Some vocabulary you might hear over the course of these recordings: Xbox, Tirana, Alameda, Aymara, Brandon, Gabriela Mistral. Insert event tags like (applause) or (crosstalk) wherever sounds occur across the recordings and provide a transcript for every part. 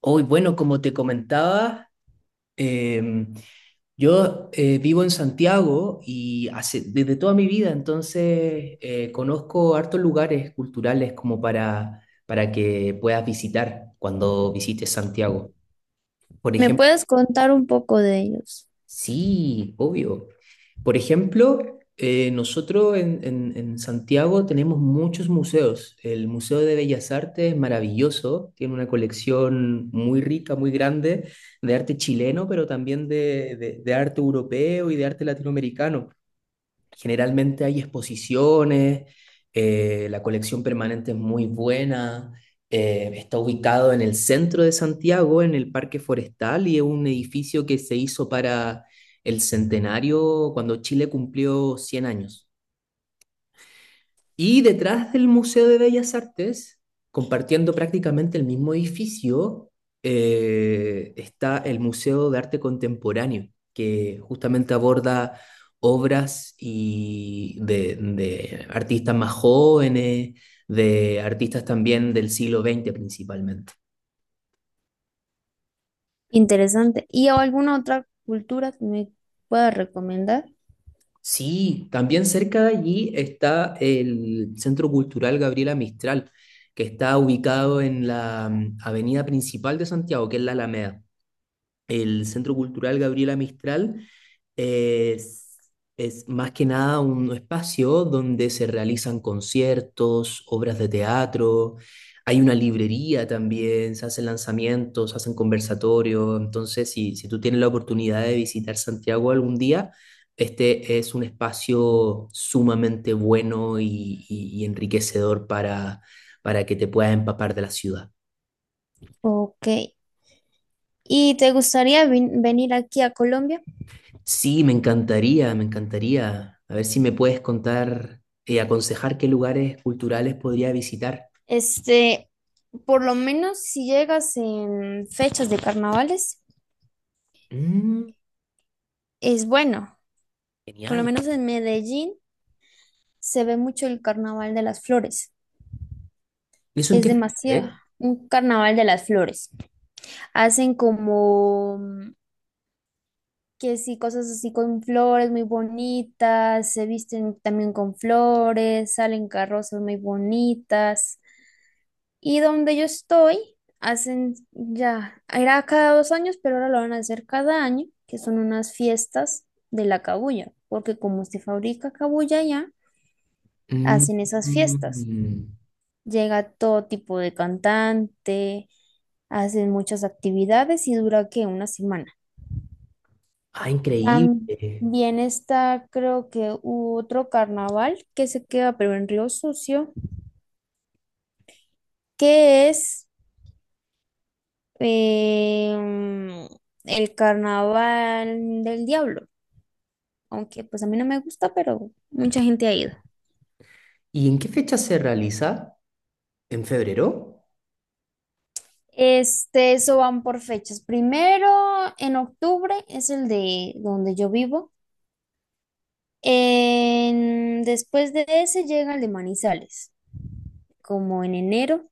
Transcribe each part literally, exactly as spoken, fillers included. Hoy, bueno, como te comentaba, em, yo eh, vivo en Santiago y hace, desde toda mi vida, entonces eh, conozco hartos lugares culturales como para, para que puedas visitar cuando visites Santiago. Por ¿Me puedes contar un poco de ellos? sí, obvio. Por ejemplo, eh, nosotros en, en- en Santiago tenemos muchos museos. El Museo de Bellas Artes es maravilloso, tiene una colección muy rica, muy grande de arte chileno, pero también de, de- de arte europeo y de arte latinoamericano. Generalmente hay exposiciones, eh, la colección permanente es muy buena, eh, está ubicado en el centro de Santiago, en el Parque Forestal, y es un edificio que se hizo para el centenario cuando Chile cumplió cien años. Y detrás del Museo de Bellas Artes, compartiendo prácticamente el mismo edificio, eh, está el Museo de Arte Contemporáneo, que justamente aborda obras y de, de artistas más jóvenes, de artistas también del siglo veinte principalmente. Interesante. ¿Y alguna otra cultura que me puedas recomendar? Sí, también cerca de allí está el Centro Cultural Gabriela Mistral, que está ubicado en la mm, avenida principal de Santiago, que es la Alameda. El Centro Cultural Gabriela Mistral es, es más que nada un espacio donde se realizan conciertos, obras de teatro, hay una librería también, se hacen lanzamientos, se hacen conversatorios. Entonces, si, si tú tienes la oportunidad de visitar Santiago algún día, este es un espacio sumamente bueno y, y- y enriquecedor para, para que te puedas empapar de la ciudad. Ok. ¿Y te gustaría vin- venir aquí a Colombia? Sí, me encantaría, me encantaría. A ver si me puedes contar y aconsejar qué lugares culturales podría visitar. Este, por lo menos si llegas en fechas de carnavales, Mm, es bueno. Por lo genial. menos en Medellín se ve mucho el carnaval de las flores. ¿Y eso en Es qué fecha demasiado. es? Un carnaval de las flores. Hacen como que sí, cosas así con flores muy bonitas, se visten también con flores, salen carrozas muy bonitas. Y donde yo estoy, hacen ya, era cada dos años, pero ahora lo van a hacer cada año, que son unas fiestas de la cabuya, porque como se fabrica cabuya ya, Mm, hacen esas fiestas. mm. Llega todo tipo de cantante, hacen muchas actividades y dura que una semana. Ah, increíble. También está, creo que u- otro carnaval que se queda, pero en Río Sucio, que es em, el carnaval del diablo. Aunque pues a mí no me gusta, pero mucha gente ha ido. ¿Y en qué fecha se realiza? ¿En febrero? Este, eso van por fechas. Primero, en octubre es el de donde yo vivo. En- después de ese llega el de Manizales, como en enero.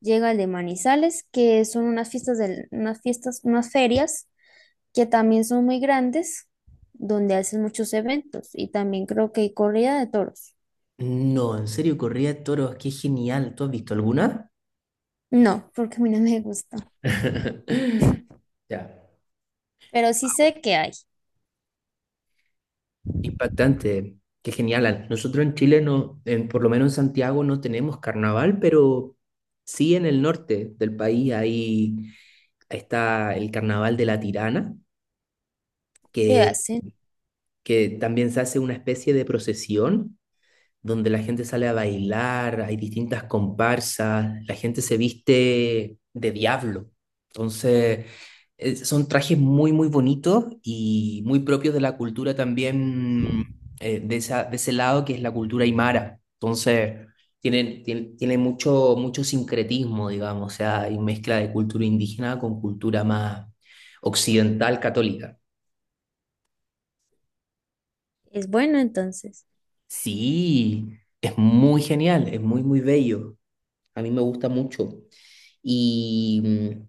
Llega el de Manizales, que son unas fiestas, del- unas fiestas, unas ferias que también son muy grandes, donde hacen muchos eventos y también creo que hay corrida de toros. No, en serio, corrida de toros, qué genial. ¿Tú has visto alguna? No, porque a mí no me gusta, (laughs) (laughs) Ya. pero sí sé que hay, Impactante, qué genial. Al- nosotros en Chile, no, en- por lo menos en Santiago, no tenemos carnaval, pero sí en el norte del país ahí está el carnaval de la Tirana, que que, hacen, que también se hace una especie de procesión donde la gente sale a bailar, hay distintas comparsas, la gente se viste de diablo. Entonces, eh, son trajes muy, muy bonitos y muy propios de la cultura también, eh, de esa, de ese lado que es la cultura aymara. Entonces, tienen, tienen, tienen mucho, mucho sincretismo, digamos, o sea, hay mezcla de cultura indígena con cultura más occidental católica. es bueno entonces. Sí, es muy genial, es muy, muy bello. A mí me gusta mucho. Y, mm,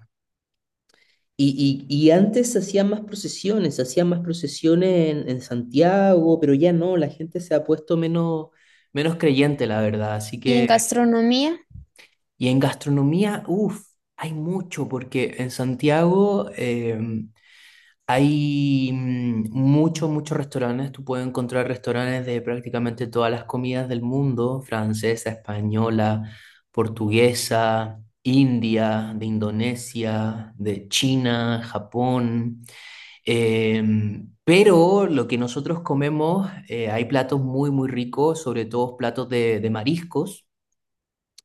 y, y- y antes se hacían más procesiones, se hacían más procesiones en, en Santiago, pero ya no, la gente se ha puesto menos, menos creyente, la verdad. Así Y en que, gastronomía, y en gastronomía, uff, hay mucho, porque en Santiago em, hay mm, muchos, muchos restaurantes. Tú puedes encontrar restaurantes de prácticamente todas las comidas del mundo, francesa, española, portuguesa, india, de Indonesia, de China, Japón. Em, pero lo que nosotros comemos, eh, hay platos muy, muy ricos, sobre todo platos de, de mariscos,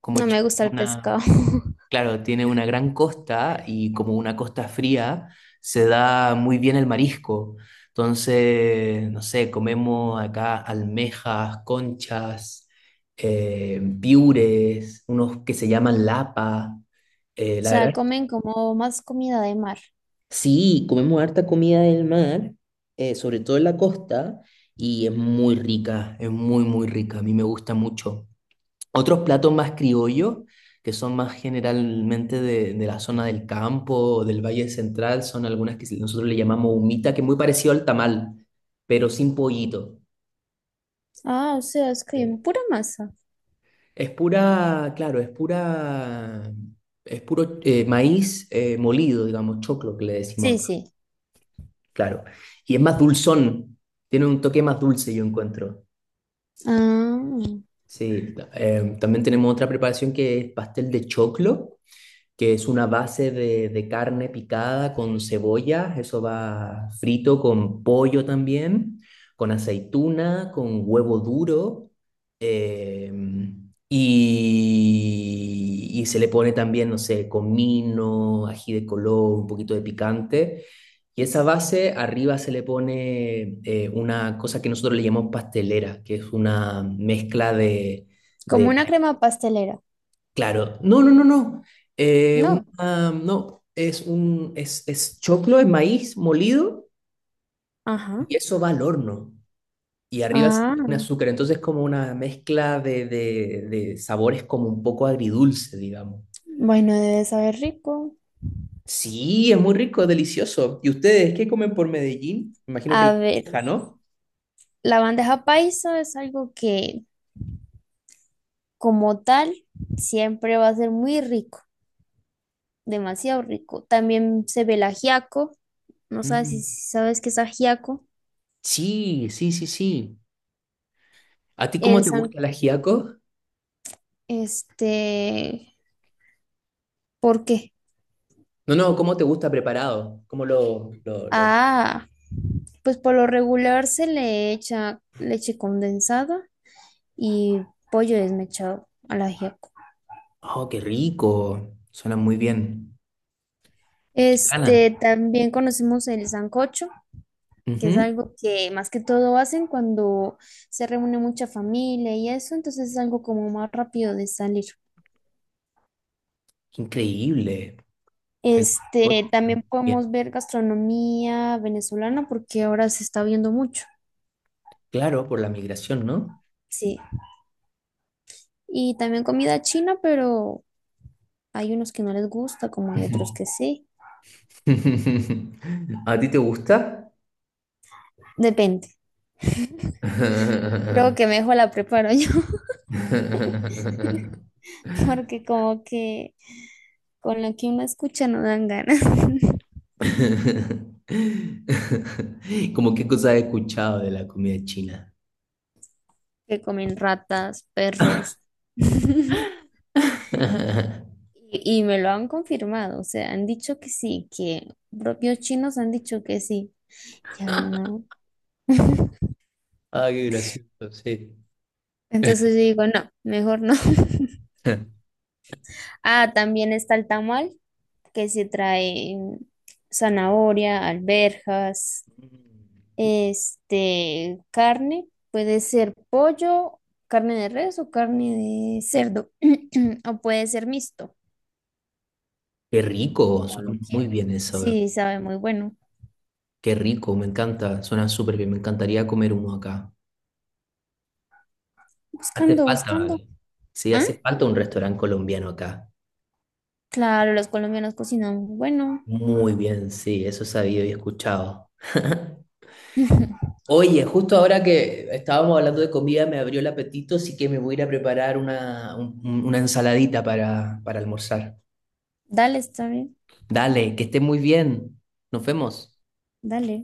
como no me chi- gusta el una pescado, (laughs) o claro, tiene una gran costa y como una costa fría, se da muy bien el marisco. Entonces, no sé, comemos acá almejas, conchas, eh, piures, unos que se llaman lapa. Eh, la sea, verdad, comen como más comida de mar. sí, comemos harta comida del mar, eh, sobre todo en la costa, y es muy rica, es muy, muy rica. A mí me gusta mucho. Otros platos más criollos, que son más generalmente de, de la zona del campo, del Valle Central, son algunas que nosotros le llamamos humita, que es muy parecido al tamal, pero sin pollito. Ah, o sea, es que Eh, pura masa. Es pura, claro, es pura, es puro eh, maíz eh, molido, digamos, choclo que le decimos Sí, acá, sí. claro. Y es más dulzón, tiene un toque más dulce, yo encuentro. Ah, Sí, ta- eh, también tenemos otra preparación que es pastel de choclo, que es una base de, de carne picada con cebolla, eso va frito con pollo también, con aceituna, con huevo duro, eh, y, y se le pone también, no sé, comino, ají de color, un poquito de picante. Y esa base arriba se le pone eh, una cosa que nosotros le llamamos pastelera, que es una mezcla de, como de una crema pastelera. claro, no, no, no, no. Eh, No. una- no, es un es, es choclo, es maíz molido Ajá. y eso va al horno. Y arriba se le pone Ah. azúcar, entonces es como una mezcla de, de, de sabores como un poco agridulce, digamos. Bueno, debe saber rico. Sí, es muy rico, es delicioso. ¿Y ustedes qué comen por Medellín? Me imagino que la A ver, bandeja, ¿no? la bandeja paisa es algo que como tal siempre va a ser muy rico, demasiado rico. También se ve el ajiaco, no sabes Mm, si si sabes qué es ajiaco. sí, sí, sí, sí. ¿A ti cómo El te san, gusta el ajiaco? este, ¿por qué? No, no, ¿cómo te gusta preparado? ¿Cómo lo, lo, lo- Ah, pues por lo regular se le echa leche condensada y pollo desmechado al ajiaco. oh, qué rico. Suena muy bien. Qué gana. Este, también conocemos el sancocho, que es Ujú. algo que más que todo hacen cuando se reúne mucha familia y eso, entonces es algo como más rápido de salir. Qué increíble. El coche. Este, también Bien. podemos ver gastronomía venezolana porque ahora se está viendo mucho, Claro, por la migración, ¿no? sí. Y también comida china, pero hay unos que no les gusta, como hay Ujú. otros que sí. (laughs) ¿A ti te gusta? Depende. Creo (laughs) que mejor la preparo yo (laughs) porque como que con lo que uno escucha no dan ganas. (laughs) Como qué cosas he escuchado de la comida china. Que comen ratas, perros. (laughs) (laughs) Y, y me lo han confirmado, o sea, han dicho que sí, que propios chinos han dicho que sí, ya no. (laughs) Ah, qué gracioso, sí. Entonces yo digo, no, mejor no. (laughs) Ah, también está el tamal, que se trae zanahoria, alberjas, (laughs) este, carne, puede ser pollo, carne de res o carne de cerdo, (clears throat) o puede ser mixto, Qué rico, como lo suena muy quiera. bien eso. Sí, sabe muy bueno. Qué rico, me encanta, suena súper bien, me encantaría comer uno acá. Hace Buscando, falta, buscando. vale. Sí, ¿Ah? hace falta un restaurante colombiano acá. Claro, los colombianos cocinan muy bueno, Muy bien, sí, eso he sabido y escuchado. (laughs) (laughs) Oye, justo ahora que estábamos hablando de comida me abrió el apetito, así que me voy a ir a preparar una, un- una ensaladita para, para almorzar. dale, está bien. Dale, que esté muy bien. Nos vemos. Dale.